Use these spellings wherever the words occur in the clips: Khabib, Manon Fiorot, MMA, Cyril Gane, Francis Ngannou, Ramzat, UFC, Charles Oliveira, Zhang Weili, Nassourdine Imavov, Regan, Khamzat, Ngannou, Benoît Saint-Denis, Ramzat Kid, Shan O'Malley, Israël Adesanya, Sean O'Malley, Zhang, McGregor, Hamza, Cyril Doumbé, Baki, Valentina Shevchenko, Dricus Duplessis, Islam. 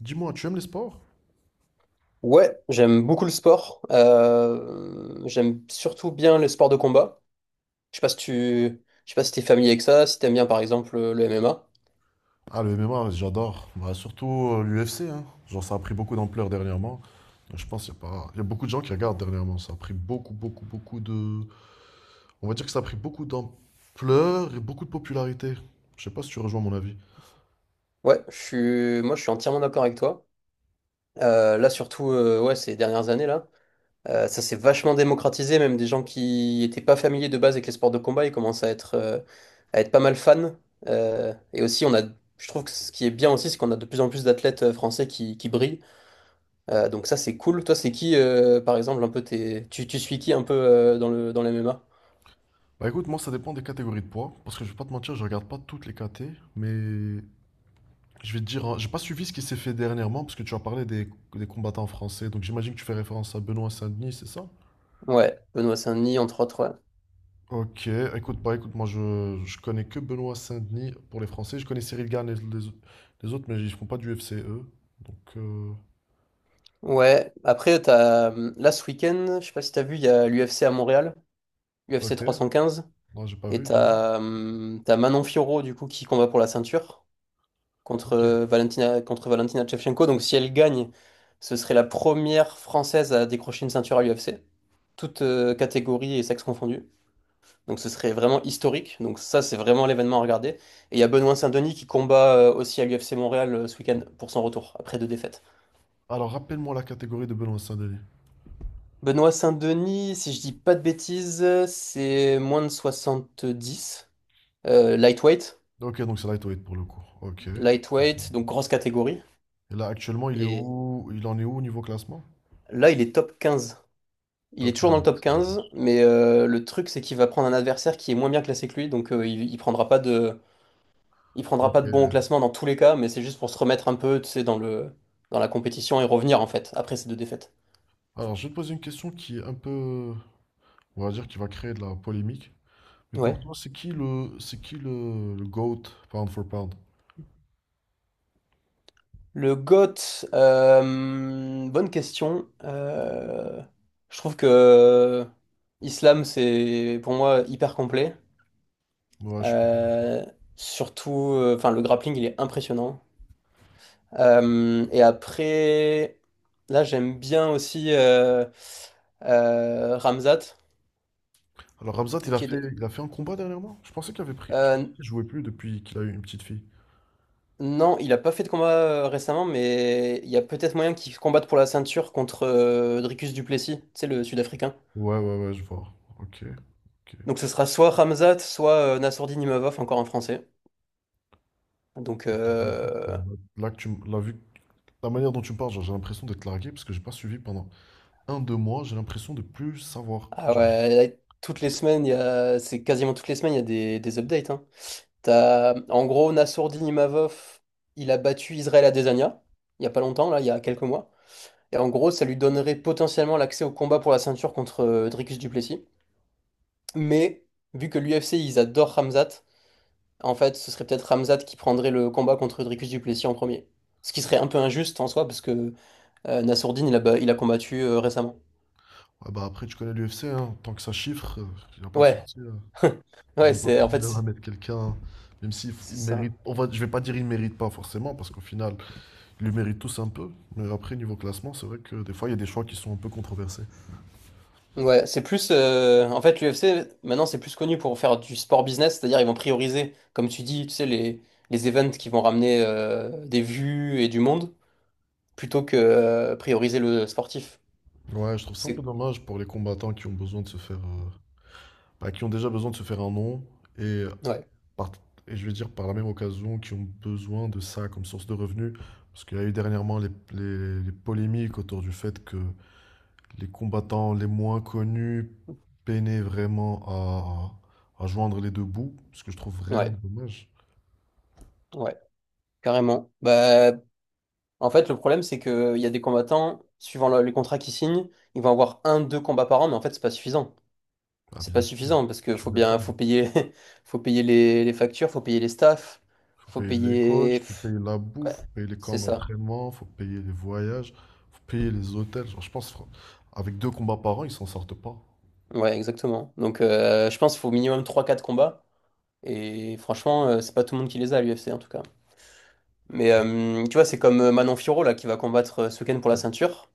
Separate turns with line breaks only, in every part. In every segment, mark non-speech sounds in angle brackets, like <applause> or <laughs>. Dis-moi, tu aimes les sports?
Ouais, j'aime beaucoup le sport. J'aime surtout bien les sports de combat. Je sais pas si t'es familier avec ça, si t'aimes bien par exemple le MMA.
Ah, le MMA, j'adore. Bah, surtout l'UFC, hein. Genre, ça a pris beaucoup d'ampleur dernièrement. Je pense qu'il y a pas... il y a beaucoup de gens qui regardent dernièrement. Ça a pris beaucoup, beaucoup, beaucoup de... On va dire que ça a pris beaucoup d'ampleur et beaucoup de popularité. Je sais pas si tu rejoins mon avis.
Ouais, je suis, moi je suis entièrement d'accord avec toi. Là surtout, ouais, ces dernières années là. Ça s'est vachement démocratisé, même des gens qui n'étaient pas familiers de base avec les sports de combat, ils commencent à être pas mal fans. Et aussi, je trouve que ce qui est bien aussi, c'est qu'on a de plus en plus d'athlètes français qui brillent. Donc ça, c'est cool. Toi, c'est qui, par exemple, un peu tu suis qui un peu dans les MMA?
Bah écoute, moi, ça dépend des catégories de poids. Parce que je vais pas te mentir, je regarde pas toutes les catés. Mais je vais te dire, hein, j'ai pas suivi ce qui s'est fait dernièrement. Parce que tu as parlé des combattants français. Donc j'imagine que tu fais référence à Benoît Saint-Denis, c'est ça?
Ouais, Benoît Saint-Denis, entre autres, ouais.
Ok, écoute, je connais que Benoît Saint-Denis pour les Français. Je connais Cyril Gane et les autres, mais ils font pas du FC eux. Donc,
Ouais, après, là, ce week-end, je sais pas si t'as vu, il y a l'UFC à Montréal, UFC
ok,
315,
non, j'ai pas
et
vu, dis-moi.
t'as Manon Fiorot, du coup, qui combat pour la ceinture
Ok.
contre Valentina Shevchenko. Donc si elle gagne, ce serait la première Française à décrocher une ceinture à l'UFC, toutes catégories et sexes confondus. Donc ce serait vraiment historique. Donc ça, c'est vraiment l'événement à regarder. Et il y a Benoît Saint-Denis qui combat aussi à l'UFC Montréal ce week-end pour son retour, après deux défaites.
Alors, rappelle-moi la catégorie de Benoît Saint-Denis.
Benoît Saint-Denis, si je dis pas de bêtises, c'est moins de 70, lightweight.
Ok, donc c'est lightweight pour le coup. Ok. Et
Lightweight, donc grosse catégorie.
là, actuellement, il est
Et
où? Il en est où au niveau classement?
là, il est top 15. Il est
Top
toujours dans le top
15.
15, mais le truc c'est qu'il va prendre un adversaire qui est moins bien classé que lui, donc il prendra pas de bon au
Ok.
classement dans tous les cas, mais c'est juste pour se remettre un peu, tu sais, dans la compétition et revenir en fait après ces deux défaites.
Alors, je vais te poser une question qui est un peu, on va dire, qui va créer de la polémique. Mais pour
Ouais.
toi, c'est qui le GOAT, pound for pound?
Le GOAT, bonne question. Je trouve que Islam c'est pour moi hyper complet.
Ouais, je suis.
Euh, Surtout, enfin le grappling il est impressionnant. Et après, là, j'aime bien aussi Ramzat
Alors Ramzat, il a fait,
Kid.
il a fait un combat dernièrement? Je pensais qu'il avait pris. Je
Euh,
pensais qu'il jouait plus depuis qu'il a eu une petite fille.
non, il a pas fait de combat récemment, mais il y a peut-être moyen qu'il combatte pour la ceinture contre Dricus Duplessis, tu sais, le Sud-Africain.
Ouais, ouais, ouais, je vois. Ok. Ok.
Donc ce sera soit Ramzat, soit Nassourdine Imavov, encore un Français. Donc,
Ok, bah écoute,
euh,
ouais. Là, la manière dont tu me parles, genre, j'ai l'impression d'être largué parce que j'ai pas suivi pendant un, deux mois, j'ai l'impression de plus savoir.
ah
Genre,
ouais, là, toutes les semaines, c'est quasiment toutes les semaines, il y a des updates, hein. T'as, en gros, Nassourdine Imavov, il a battu Israël Adesanya, il y a pas longtemps, là, il y a quelques mois. Et en gros, ça lui donnerait potentiellement l'accès au combat pour la ceinture contre Dricus du Plessis. Mais, vu que l'UFC, ils adorent Khamzat, en fait, ce serait peut-être Khamzat qui prendrait le combat contre Dricus du Plessis en premier. Ce qui serait un peu injuste en soi, parce que Nassourdine, il a combattu récemment.
ouais, bah après tu connais l'UFC, hein, tant que ça chiffre, il n'y a pas de
Ouais,
souci, hein.
<laughs>
Ils
ouais,
ont pas de
c'est, en fait,
problème à
c'est
mettre quelqu'un, même il
c'est ça.
mérite. Je vais pas dire il mérite pas forcément, parce qu'au final, ils le méritent tous un peu. Mais après, niveau classement, c'est vrai que des fois, il y a des choix qui sont un peu controversés.
Ouais, c'est plus. En fait, l'UFC, maintenant, c'est plus connu pour faire du sport business, c'est-à-dire ils vont prioriser, comme tu dis, tu sais, les events qui vont ramener des vues et du monde, plutôt que prioriser le sportif.
Ouais, je trouve ça un peu
C'est.
dommage pour les combattants qui ont besoin de se bah, qui ont déjà besoin de se faire un nom et,
Ouais,
par- et je vais dire par la même occasion qui ont besoin de ça comme source de revenus. Parce qu'il y a eu dernièrement les polémiques autour du fait que les combattants les moins connus peinaient vraiment à joindre les deux bouts, ce que je trouve vraiment
ouais,
dommage.
ouais, carrément. Bah, en fait, le problème, c'est qu'il y a des combattants, suivant les contrats qu'ils signent, ils vont avoir un, deux combats par an, mais en fait, c'est pas suffisant.
Ah
C'est pas
bien sûr,
suffisant parce que
tu
faut bien,
m'étonnes.
faut payer, <laughs> faut payer les factures, faut payer les staffs,
Faut
faut
payer les coachs,
payer.
faut payer la
Ouais,
bouffe, faut payer les camps
c'est ça.
d'entraînement, faut payer les voyages, faut payer les hôtels. Avec deux combats par an, ils s'en sortent pas.
Ouais, exactement. Donc, je pense qu'il faut au minimum trois, quatre combats. Et franchement, c'est pas tout le monde qui les a à l'UFC en tout cas. Mais tu vois, c'est comme Manon Fiorot là qui va combattre ce week-end pour la ceinture.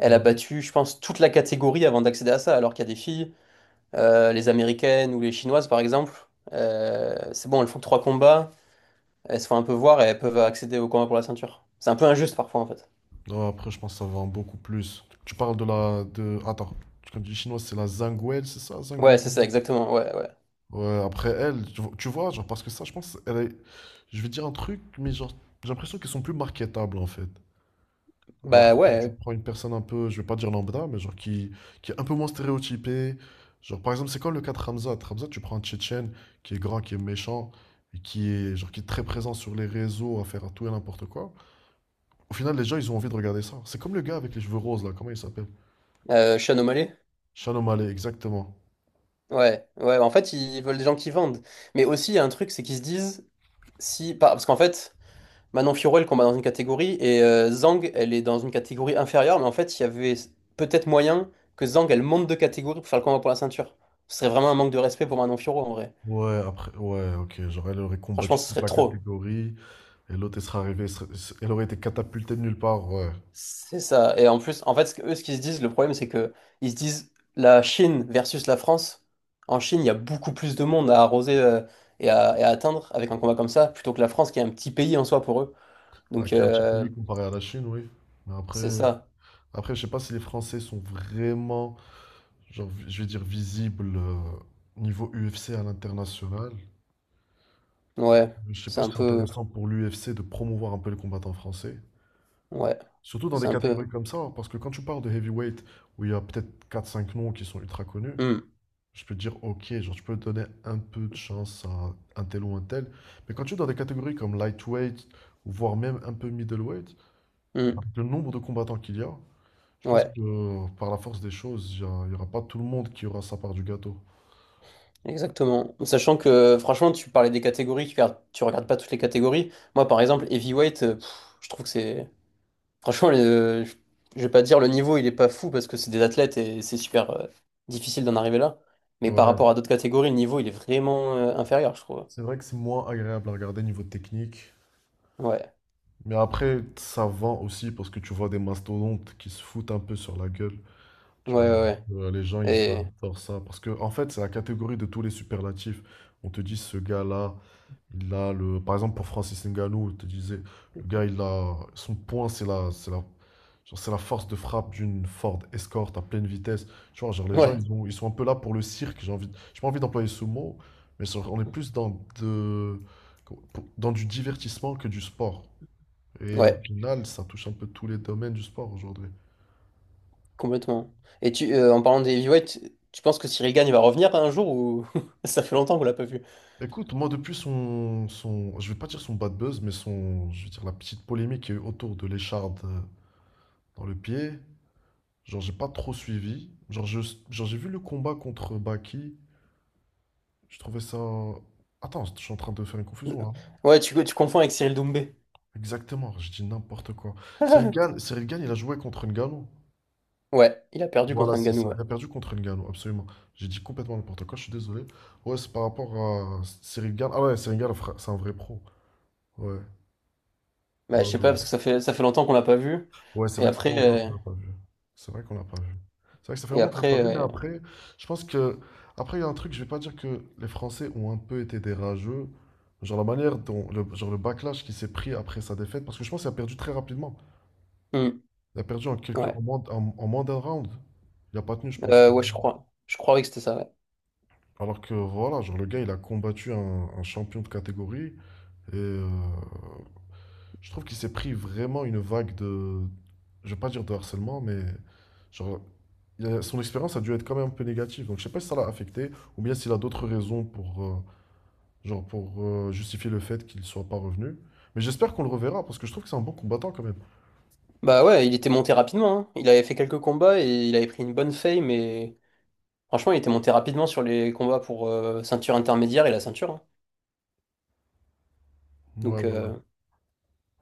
Elle a
Ouais.
battu, je pense, toute la catégorie avant d'accéder à ça, alors qu'il y a des filles, les américaines ou les chinoises par exemple. C'est bon, elles font trois combats, elles se font un peu voir et elles peuvent accéder au combat pour la ceinture. C'est un peu injuste parfois en fait.
Non, après, je pense que ça va en beaucoup plus. Tu parles de la... De... Attends, quand tu dis chinoise, c'est la Zhang Weili, c'est ça, Zhang
Ouais,
Weili?
c'est ça, exactement. Ouais, ouais.
Ouais, après elle, tu vois, genre, parce que ça, je pense, elle est... Je vais dire un truc, mais genre, j'ai l'impression qu'ils sont plus marketables, en fait. Alors,
Bah
quand tu
ouais,
prends une personne un peu, je vais pas dire lambda, mais qui est un peu moins stéréotypée. Genre, par exemple, c'est quoi le cas de Hamza? Hamza, tu prends un Tchétchène qui est grand, qui est méchant, et qui est, genre, qui est très présent sur les réseaux à faire à tout et n'importe quoi. Au final, les gens, ils ont envie de regarder ça. C'est comme le gars avec les cheveux roses, là, comment il s'appelle?
Sean O'Malley.
Shan O'Malley, exactement.
Ouais, ouais, en fait, ils veulent des gens qui vendent. Mais aussi, il y a un truc, c'est qu'ils se disent, si, par- parce qu'en fait, Manon Fiorot, elle combat dans une catégorie, et Zhang, elle est dans une catégorie inférieure, mais en fait, il y avait peut-être moyen que Zhang, elle monte de catégorie pour faire le combat pour la ceinture. Ce serait vraiment un manque de respect pour Manon Fiorot, en vrai.
Ouais, après, ouais, ok. Genre, elle aurait
Franchement,
combattu
ce
toute
serait
la
trop.
catégorie, et l'autre, elle serait arrivée, elle aurait été catapultée de nulle part, ouais.
C'est ça. Et en plus, en fait, eux, ce qu'ils se disent, le problème, c'est que ils se disent, la Chine versus la France, en Chine, il y a beaucoup plus de monde à arroser et à atteindre avec un combat comme ça, plutôt que la France, qui est un petit pays en soi pour eux.
Bah,
Donc
qui est un petit
euh,
pays comparé à la Chine, oui. Mais après.
c'est ça.
Après, je sais pas si les Français sont vraiment, genre, je vais dire, visibles niveau UFC à l'international.
Ouais,
Je sais
c'est
pas si
un
c'est
peu
intéressant pour l'UFC de promouvoir un peu les combattants français.
ouais,
Surtout dans
c'est
des
un peu
catégories comme ça, hein, parce que quand tu parles de heavyweight, où il y a peut-être quatre, cinq noms qui sont ultra connus,
hmm,
je peux te dire, ok, genre, tu peux donner un peu de chance à un tel ou un tel. Mais quand tu es dans des catégories comme lightweight, voire même un peu middleweight,
hmm,
avec le nombre de combattants qu'il y a, je pense
ouais,
que par la force des choses, il n'y aura pas tout le monde qui aura sa part du gâteau.
exactement. Sachant que franchement, tu parlais des catégories, tu regardes pas toutes les catégories. Moi par exemple, heavyweight, pff, je trouve que c'est franchement je vais pas dire le niveau, il est pas fou parce que c'est des athlètes et c'est super difficile d'en arriver là. Mais par
Ouais.
rapport à d'autres catégories, le niveau, il est vraiment inférieur, je trouve.
C'est vrai que c'est moins agréable à regarder niveau technique.
Ouais.
Mais après, ça vend aussi parce que tu vois des mastodontes qui se foutent un peu sur la gueule.
Ouais,
Tu vois,
ouais, ouais.
Les gens, ils
Et
adorent ça. Parce que, en fait, c'est la catégorie de tous les superlatifs. On te dit, ce gars-là, il a le. Par exemple, pour Francis Ngannou, on te disait, le gars, il a. Son point, c'est la. Genre, c'est la force de frappe d'une Ford Escort à pleine vitesse. Tu vois, genre, les gens,
ouais.
ils sont un peu là pour le cirque. J'ai pas envie d'employer ce mot, mais genre, on est plus dans du divertissement que du sport. Et au
Ouais.
final, ça touche un peu tous les domaines du sport aujourd'hui.
Complètement. Et en parlant des Heavyweight, tu penses que Cyril Gane va revenir un jour ou <laughs> ça fait longtemps qu'on l'a pas vu?
Écoute, moi, depuis je vais pas dire son bad buzz, mais son, je vais dire la petite polémique qu'il y a eu autour de l'écharde dans le pied, genre, j'ai pas trop suivi. Genre, j'ai vu le combat contre Baki. Je trouvais ça. Attends, je suis en train de faire une confusion là.
Ouais, tu confonds avec Cyril Doumbé.
Exactement, je dis n'importe quoi. Cyril Gane, il a joué contre Ngannou.
Ouais, il a perdu
Voilà,
contre
c'est
Ngannou,
ça.
ouais.
Il a perdu contre Ngannou, absolument. J'ai dit complètement n'importe quoi, je suis désolé. Ouais, c'est par rapport à Cyril Gane. Ah ouais, c'est un vrai pro. Ouais,
Bah,
ouais,
je sais pas
ouais.
parce que ça fait longtemps qu'on l'a pas vu.
Ouais, c'est
Et
vrai que ça fait
après
longtemps qu'on
euh,
l'a pas vu. C'est vrai qu'on l'a pas vu. C'est vrai que ça fait
et
longtemps qu'on l'a pas vu, mais
après euh,
après, je pense que. Après, il y a un truc, je vais pas dire que les Français ont un peu été des rageux. Genre la manière dont. Genre le backlash qui s'est pris après sa défaite, parce que je pense qu'il a perdu très rapidement.
hmm,
Il a perdu en quelques,
ouais.
en moins, en, en moins d'un round. Il a pas tenu, je pense.
Ouais, je crois que c'était ça. Ouais.
Alors que voilà, genre le gars, il a combattu un champion de catégorie. Et je trouve qu'il s'est pris vraiment une vague de. Je vais pas dire de harcèlement, mais. Genre, son expérience a dû être quand même un peu négative. Donc je sais pas si ça l'a affecté ou bien s'il a d'autres raisons pour, genre pour justifier le fait qu'il soit pas revenu. Mais j'espère qu'on le reverra parce que je trouve que c'est un bon combattant quand même.
Bah ouais, il était monté rapidement, hein. Il avait fait quelques combats et il avait pris une bonne fame. Mais franchement, il était monté rapidement sur les combats pour ceinture intermédiaire et la ceinture, hein.
Ouais,
Donc
ouais, ouais.
euh,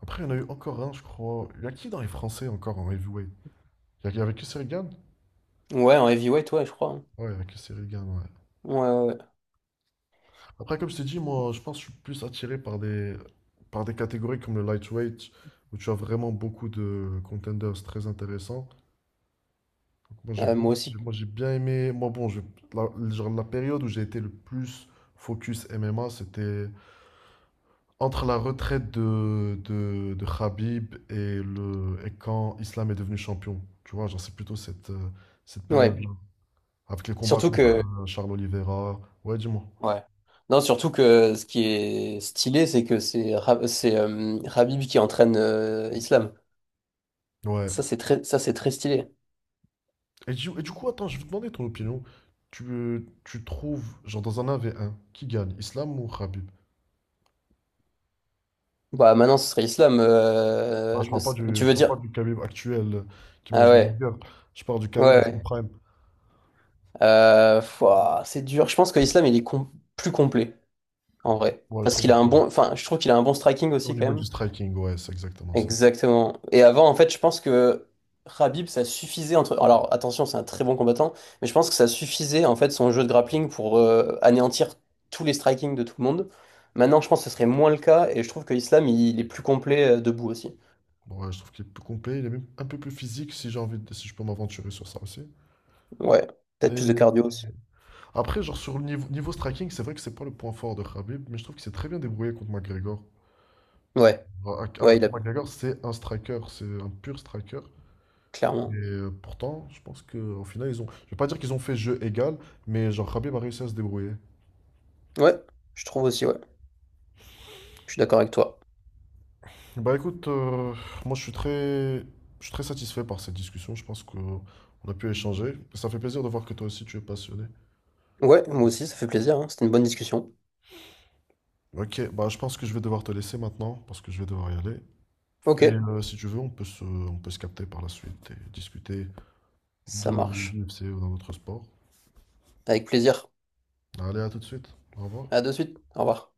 Après, il y en a eu encore un, je crois. Il y a qui dans les Français encore en heavyweight? Il y avait que Regan?
ouais en heavyweight ouais je crois, hein.
Ouais, il y avait que Regan, ouais.
Ouais, ouais. Ouais.
Après, comme je t'ai dit, moi, je pense que je suis plus attiré par par des catégories comme le lightweight où tu as vraiment beaucoup de contenders très intéressants. Moi j'ai bien,
Moi aussi.
j'ai bien aimé. La, genre, la période où j'ai été le plus focus MMA, c'était entre la retraite de Khabib et quand Islam est devenu champion. Tu vois, cette
Ouais.
période-là. Avec les combats
Surtout
contre
que,
Charles Oliveira. Ouais, dis-moi.
ouais. Non, surtout que ce qui est stylé, c'est que c'est Habib qui entraîne Islam.
Ouais.
Ça, c'est très, stylé.
Et du coup, attends, je vais te demander ton opinion. Tu trouves, genre dans un 1v1, qui gagne, Islam ou Khabib?
Bah, maintenant, ce serait Islam.
Ah,
Ne Tu
je
veux
parle pas
dire?
du Khabib actuel qui
Ah
mange des
ouais.
burgers. Je parle du
Ouais,
Khabib à son
ouais.
prime.
Fouah, c'est dur. Je pense que Islam, il est plus complet, en vrai.
Ouais, je
Parce
trouve
qu'il a
aussi.
un bon, enfin, je trouve qu'il a un bon striking
Au
aussi, quand
niveau du
même.
striking, ouais, c'est exactement ça.
Exactement. Et avant, en fait, je pense que Khabib, ça suffisait entre. Alors, attention, c'est un très bon combattant, mais je pense que ça suffisait, en fait, son jeu de grappling pour anéantir tous les striking de tout le monde. Maintenant, je pense que ce serait moins le cas, et je trouve que Islam, est plus complet debout aussi.
Ouais, je trouve qu'il est plus complet, il est même un peu plus physique si j'ai envie de, si je peux m'aventurer sur ça aussi.
Ouais. Peut-être plus de cardio
Et
aussi.
après, niveau striking, c'est vrai que c'est pas le point fort de Khabib, mais je trouve qu'il s'est très bien débrouillé contre McGregor.
Ouais.
Alors alors
Ouais,
que
il a.
McGregor, c'est un striker, c'est un pur striker. Et
Clairement.
pourtant, je pense qu'au final, ils ont. Je vais pas dire qu'ils ont fait jeu égal, mais genre Khabib a réussi à se débrouiller.
Ouais. Je trouve aussi, ouais. Je suis d'accord avec toi.
Bah écoute, moi je suis très satisfait par cette discussion. Je pense qu'on a pu échanger. Ça fait plaisir de voir que toi aussi tu es passionné.
Ouais, moi aussi, ça fait plaisir, hein. C'était une bonne discussion.
Ok, bah je pense que je vais devoir te laisser maintenant parce que je vais devoir y aller.
Ok.
Et si tu veux, on peut se capter par la suite et discuter
Ça
de
marche.
l'UFC ou d'un autre sport.
Avec plaisir.
Allez, à tout de suite. Au revoir.
À de suite. Au revoir.